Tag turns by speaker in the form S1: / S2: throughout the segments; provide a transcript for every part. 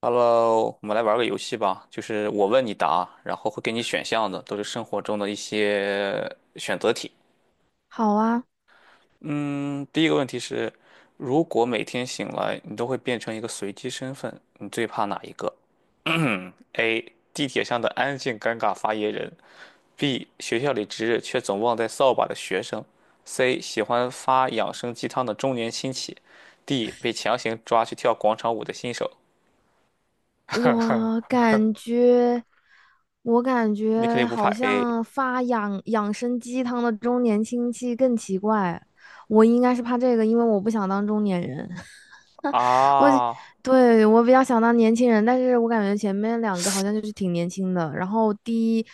S1: Hello，我们来玩个游戏吧，就是我问你答，然后会给你选项的，都是生活中的一些选择题。
S2: 好啊。
S1: 嗯，第一个问题是，如果每天醒来你都会变成一个随机身份，你最怕哪一个 ？A. 地铁上的安静尴尬发言人；B. 学校里值日却总忘带扫把的学生；C. 喜欢发养生鸡汤的中年亲戚；D. 被强行抓去跳广场舞的新手。
S2: 我感觉，我感
S1: 你肯
S2: 觉
S1: 定不怕
S2: 好
S1: A
S2: 像发养生鸡汤的中年亲戚更奇怪。我应该是怕这个，因为我不想当中年人。我，
S1: 啊？
S2: 对，我比较想当年轻人，但是我感觉前面两个好像就是挺年轻的。然后第一，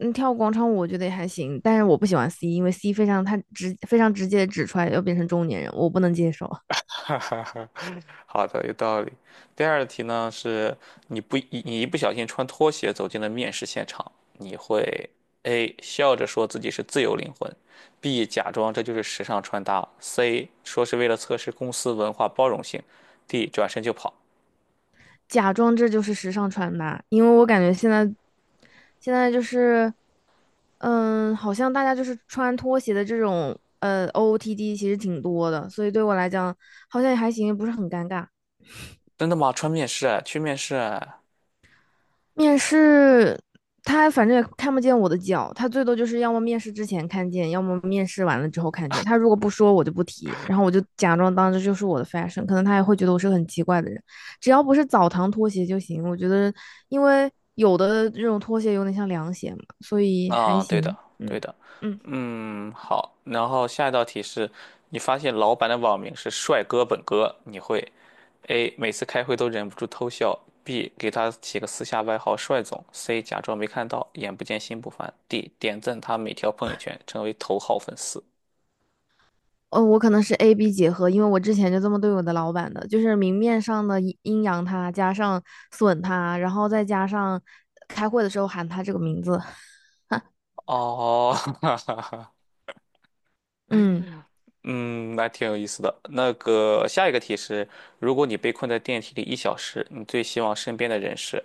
S2: 嗯，跳广场舞我觉得也还行，但是我不喜欢 C，因为 C 非常直接地指出来要变成中年人，我不能接受。
S1: 哈哈哈，好的，有道理。第二题呢，是你一不小心穿拖鞋走进了面试现场，你会 A 笑着说自己是自由灵魂，B 假装这就是时尚穿搭，C 说是为了测试公司文化包容性，D 转身就跑。
S2: 假装这就是时尚穿搭，因为我感觉现在好像大家就是穿拖鞋的这种OOTD 其实挺多的，所以对我来讲好像也还行，不是很尴尬。
S1: 真的吗？穿面试啊，去面试啊？
S2: 面试他反正也看不见我的脚，他最多就是要么面试之前看见，要么面试完了之后看见。他如果不说，我就不提，然后我就假装当这就是我的 fashion,可能他也会觉得我是个很奇怪的人。只要不是澡堂拖鞋就行，我觉得，因为有的这种拖鞋有点像凉鞋嘛，所以还
S1: 啊，对的，
S2: 行。
S1: 对
S2: 嗯。
S1: 的。
S2: 嗯，
S1: 嗯，好。然后下一道题是，你发现老板的网名是帅哥本哥，你会 A 每次开会都忍不住偷笑；B 给他起个私下外号“帅总 ”；C 假装没看到，眼不见心不烦；D 点赞他每条朋友圈，成为头号粉丝。
S2: 我可能是 A B 结合，因为我之前就这么对我的老板的，就是明面上的阴阳他，加上损他，然后再加上开会的时候喊他这个名字。
S1: 哦，哈哈哈，
S2: 嗯
S1: 嗯，那挺有意思的。那个下一个题是：如果你被困在电梯里1小时，你最希望身边的人是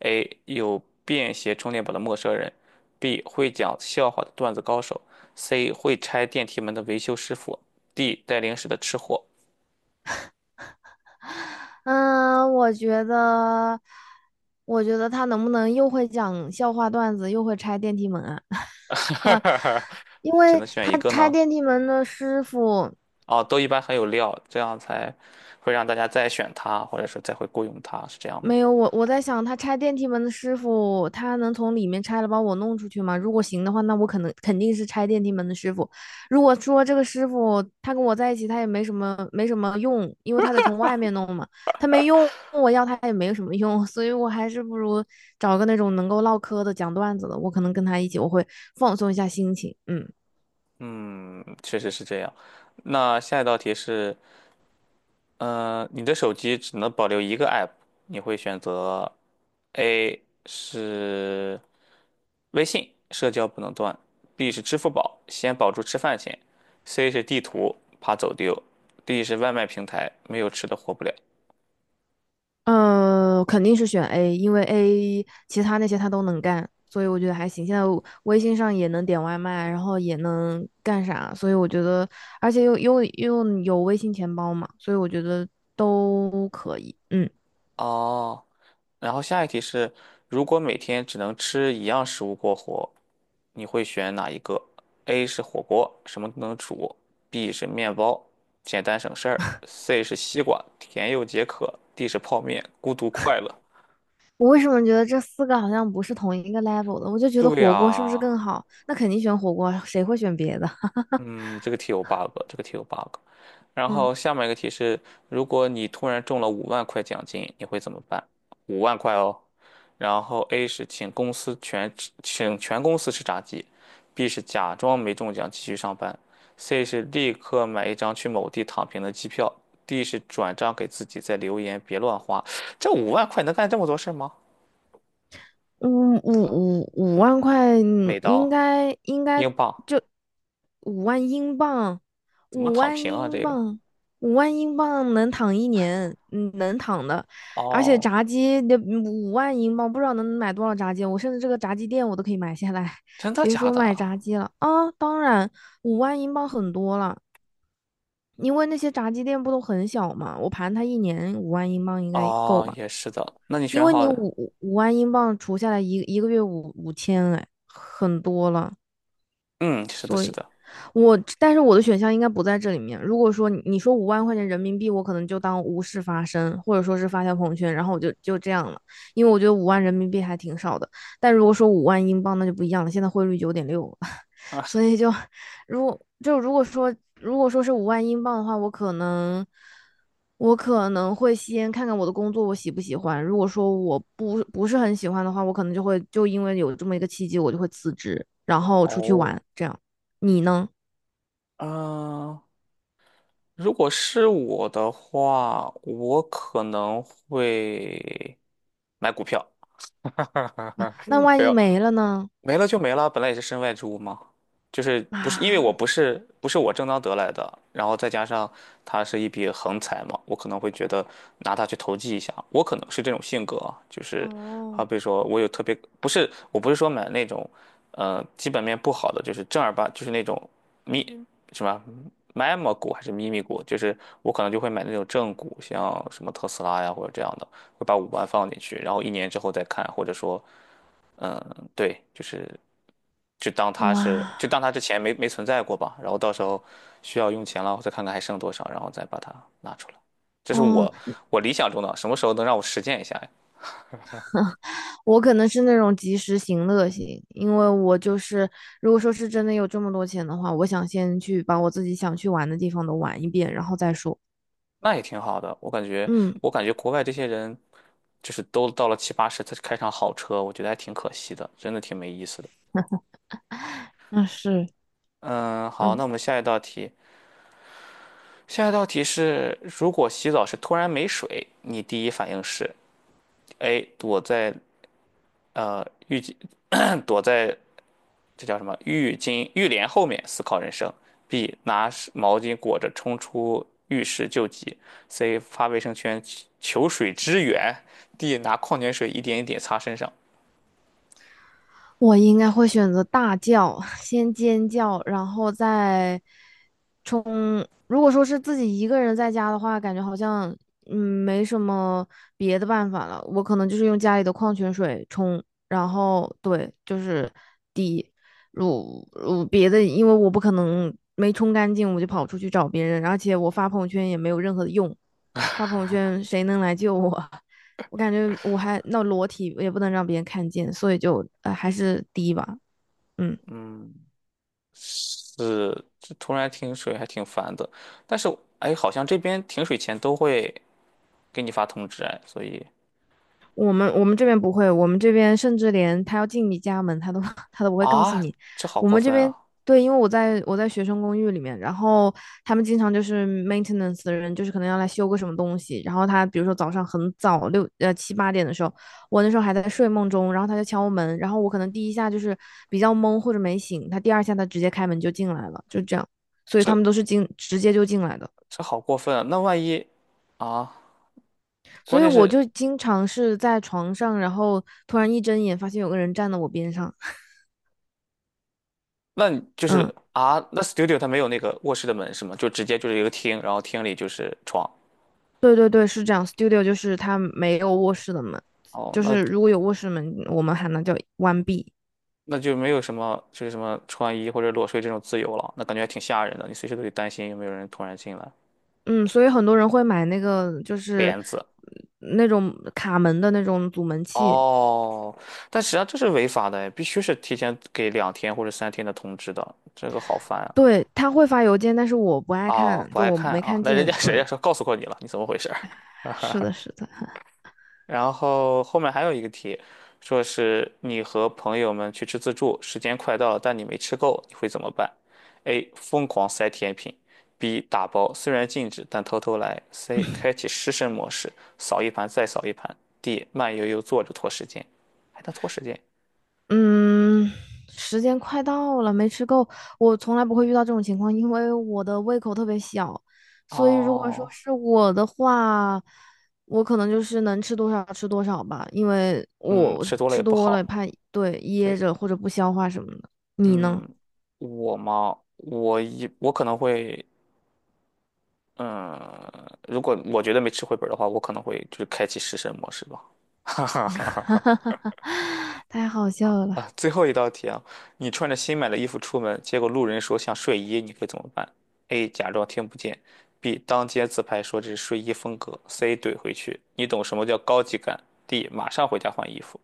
S1: ：A 有便携充电宝的陌生人；B 会讲笑话的段子高手；C 会拆电梯门的维修师傅；D 带零食的吃货。
S2: 嗯。我觉得他能不能又会讲笑话段子，又会拆电梯门啊？因
S1: 只
S2: 为
S1: 能选
S2: 他
S1: 一个
S2: 拆
S1: 呢？
S2: 电梯门的师傅。
S1: 哦，都一般很有料，这样才会让大家再选它，或者说再会雇佣它，是这样吗？
S2: 没有，我在想，他拆电梯门的师傅，他能从里面拆了把我弄出去吗？如果行的话，那我可能肯定是拆电梯门的师傅。如果说这个师傅他跟我在一起，他也没什么用，因为他得从外面弄嘛，他没用，我要他也没有什么用，所以我还是不如找个那种能够唠嗑的、讲段子的，我可能跟他一起，我会放松一下心情。嗯，
S1: 嗯，确实是这样。那下一道题是，嗯、你的手机只能保留一个 app，你会选择 A 是微信，社交不能断；B 是支付宝，先保住吃饭钱；C 是地图，怕走丢；D 是外卖平台，没有吃的活不了。
S2: 嗯，肯定是选 A,因为 A 其他那些他都能干，所以我觉得还行。现在我微信上也能点外卖，然后也能干啥，所以我觉得，而且又有微信钱包嘛，所以我觉得都可以。嗯。
S1: 哦，然后下一题是，如果每天只能吃一样食物过活，你会选哪一个？A 是火锅，什么都能煮；B 是面包，简单省事儿；C 是西瓜，甜又解渴；D 是泡面，孤独快乐。
S2: 我为什么觉得这四个好像不是同一个 level 的？我就觉得
S1: 对
S2: 火锅是不是
S1: 呀，
S2: 更好？那肯定选火锅，谁会选别的？
S1: 嗯，这个题有 bug，这个题有 bug。然
S2: 嗯。
S1: 后下面一个题是，如果你突然中了五万块奖金，你会怎么办？五万块哦。然后 A 是请全公司吃炸鸡，B 是假装没中奖继续上班，C 是立刻买一张去某地躺平的机票，D 是转账给自己再留言别乱花。这五万块能干这么多事儿吗？
S2: 五五五万块，
S1: 美
S2: 应
S1: 刀、
S2: 该应该
S1: 英镑
S2: 就五万英镑，
S1: 怎么
S2: 五
S1: 躺
S2: 万
S1: 平啊？
S2: 英
S1: 这个
S2: 镑，五万英镑能躺一年，嗯，能躺的。而且
S1: 哦，
S2: 炸鸡的五万英镑，不知道能买多少炸鸡。我甚至这个炸鸡店我都可以买下来，
S1: 真 的
S2: 别
S1: 假
S2: 说
S1: 的
S2: 买炸
S1: 啊？
S2: 鸡了啊！当然，五万英镑很多了，因为那些炸鸡店不都很小嘛。我盘它一年五万英镑应该够
S1: 哦，
S2: 吧。
S1: 也是的。那你
S2: 因
S1: 选
S2: 为
S1: 好了？
S2: 万英镑除下来一个月五千，哎，很多了。
S1: 嗯，是的，
S2: 所
S1: 是
S2: 以
S1: 的。
S2: 我，但是我的选项应该不在这里面。如果说你说五万块钱人民币，我可能就当无事发生，或者说是发条朋友圈，然后我就这样了，因为我觉得五万人民币还挺少的。但如果说五万英镑，那就不一样了，现在汇率九点六，
S1: 啊，
S2: 所以就如果就如果说如果说是五万英镑的话，我可能会先看看我的工作我喜不喜欢。如果说我不是很喜欢的话，我可能就会因为有这么一个契机，我就会辞职，然后出去
S1: 哦，
S2: 玩。这样，你呢？
S1: 嗯、如果是我的话，我可能会买股票。
S2: 啊，那
S1: 没
S2: 万一
S1: 有
S2: 没了呢？
S1: 没了就没了，本来也是身外之物嘛，就是不是因为我
S2: 啊。
S1: 不是我正当得来的，然后再加上它是一笔横财嘛，我可能会觉得拿它去投机一下，我可能是这种性格啊就是好
S2: 哦。
S1: 比说我有特别不是我不是说买那种基本面不好的，就是正儿八就是那种咪什么 m e m A 股还是咪咪股，就是我可能就会买那种正股，像什么特斯拉呀或者这样的。会把五万放进去，然后1年之后再看，或者说，嗯，对，就是
S2: 哇。
S1: 就当它之前没存在过吧，然后到时候需要用钱了，再看看还剩多少，然后再把它拿出来。这是
S2: 哦，
S1: 我理想中的，什么时候能让我实践一下呀？
S2: 我可能是那种及时行乐型，因为我就是如果说是真的有这么多钱的话，我想先去把我自己想去玩的地方都玩一遍，然后再说。
S1: 那也挺好的，我感觉
S2: 嗯，
S1: 我感觉国外这些人就是都到了七八十才开上好车，我觉得还挺可惜的，真的挺没意思的。
S2: 那是。
S1: 嗯，好，那
S2: 嗯，
S1: 我们下一道题，下一道题是，如果洗澡时突然没水，你第一反应是？A 呃浴巾，躲在这叫什么浴巾浴帘后面思考人生；B 拿湿毛巾裹着冲出浴室救急；C 发卫生圈求水支援；D 拿矿泉水一点一点擦身上。
S2: 我应该会选择大叫，先尖叫，然后如果说是自己一个人在家的话，感觉好像没什么别的办法了。我可能就是用家里的矿泉水冲，然后对，就是滴。别的，因为我不可能没冲干净我就跑出去找别人，而且我发朋友圈也没有任何的用，发朋友圈谁能来救我？我感觉我裸体也不能让别人看见，所以就还是滴吧，嗯。
S1: 嗯，是，这突然停水还挺烦的，但是哎，好像这边停水前都会给你发通知哎，所以
S2: 我们这边不会，我们这边甚至连他要进你家门，他都 他都不会告诉
S1: 啊，
S2: 你。
S1: 这好
S2: 我
S1: 过
S2: 们这
S1: 分
S2: 边
S1: 啊，
S2: 对，因为我在学生公寓里面，然后他们经常就是 maintenance 的人，就是可能要来修个什么东西，然后他比如说早上很早七八点的时候，我那时候还在睡梦中，然后他就敲门，然后我可能第一下就是比较懵或者没醒，他第二下他直接开门就进来了，就这样，所以他
S1: 这
S2: 们都是直接就进来的。
S1: 这好过分啊，那万一啊，
S2: 所
S1: 关
S2: 以
S1: 键
S2: 我
S1: 是。
S2: 就经常是在床上，然后突然一睁眼发现有个人站在我边上。
S1: 那你就
S2: 嗯，
S1: 是啊，那 studio 它没有那个卧室的门是吗？就直接就是一个厅，然后厅里就是床。
S2: 对对对，是这样。Studio 就是它没有卧室的门，
S1: 哦，
S2: 就
S1: 那
S2: 是如果有卧室门，我们喊它叫关闭。
S1: 那就没有什么就是什么穿衣或者裸睡这种自由了，那感觉还挺吓人的。你随时都得担心有没有人突然进来，
S2: 嗯，所以很多人会买那个
S1: 帘子。
S2: 那种卡门的那种阻门器。
S1: 哦，但实际上这是违法的，必须是提前给2天或者3天的通知的，这个好烦啊！
S2: 对，他会发邮件，但是我不爱
S1: 哦，
S2: 看，
S1: 不
S2: 就
S1: 爱
S2: 我
S1: 看
S2: 没
S1: 啊，
S2: 看
S1: 那人家
S2: 见。
S1: 谁
S2: 对，
S1: 呀说告诉过你了，你怎么回事？
S2: 是的，是的。
S1: 然后后面还有一个题，说是你和朋友们去吃自助，时间快到了，但你没吃够，你会怎么办？A. 疯狂塞甜品；B. 打包，虽然禁止，但偷偷来；C. 开启失身模式，扫一盘再扫一盘；D. 慢悠悠坐着拖时间，还能拖时间。
S2: 嗯，时间快到了，没吃够。我从来不会遇到这种情况，因为我的胃口特别小，所以如果说
S1: 哦，
S2: 是我的话，我可能就是能吃多少吃多少吧，因为
S1: 嗯，
S2: 我
S1: 吃多了也
S2: 吃
S1: 不
S2: 多了
S1: 好。
S2: 怕噎
S1: 对，
S2: 着或者不消化什么的。你呢？
S1: 嗯，我嘛，我可能会。嗯，如果我觉得没吃回本儿的话，我可能会就是开启食神模式吧。哈哈哈哈哈！
S2: 太好笑了。
S1: 啊，最后一道题啊，你穿着新买的衣服出门，结果路人说像睡衣，你会怎么办？A. 假装听不见；B. 当街自拍说这是睡衣风格；C. 怼回去。你懂什么叫高级感？D. 马上回家换衣服。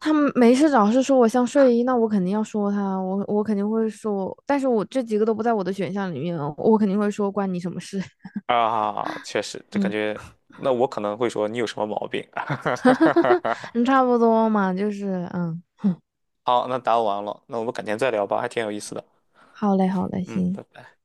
S2: 他们没事找事说我像睡衣，那我肯定要说他，我肯定会说，但是我这几个都不在我的选项里面哦，我肯定会说关你什么事？
S1: 啊，确实，这感
S2: 嗯。
S1: 觉，那我可能会说你有什么毛病。
S2: 哈。嗯，差不多嘛，就是嗯。
S1: 好，那答完了，那我们改天再聊吧，还挺有意思的。
S2: 好嘞，好嘞，
S1: 嗯，
S2: 行，
S1: 拜拜。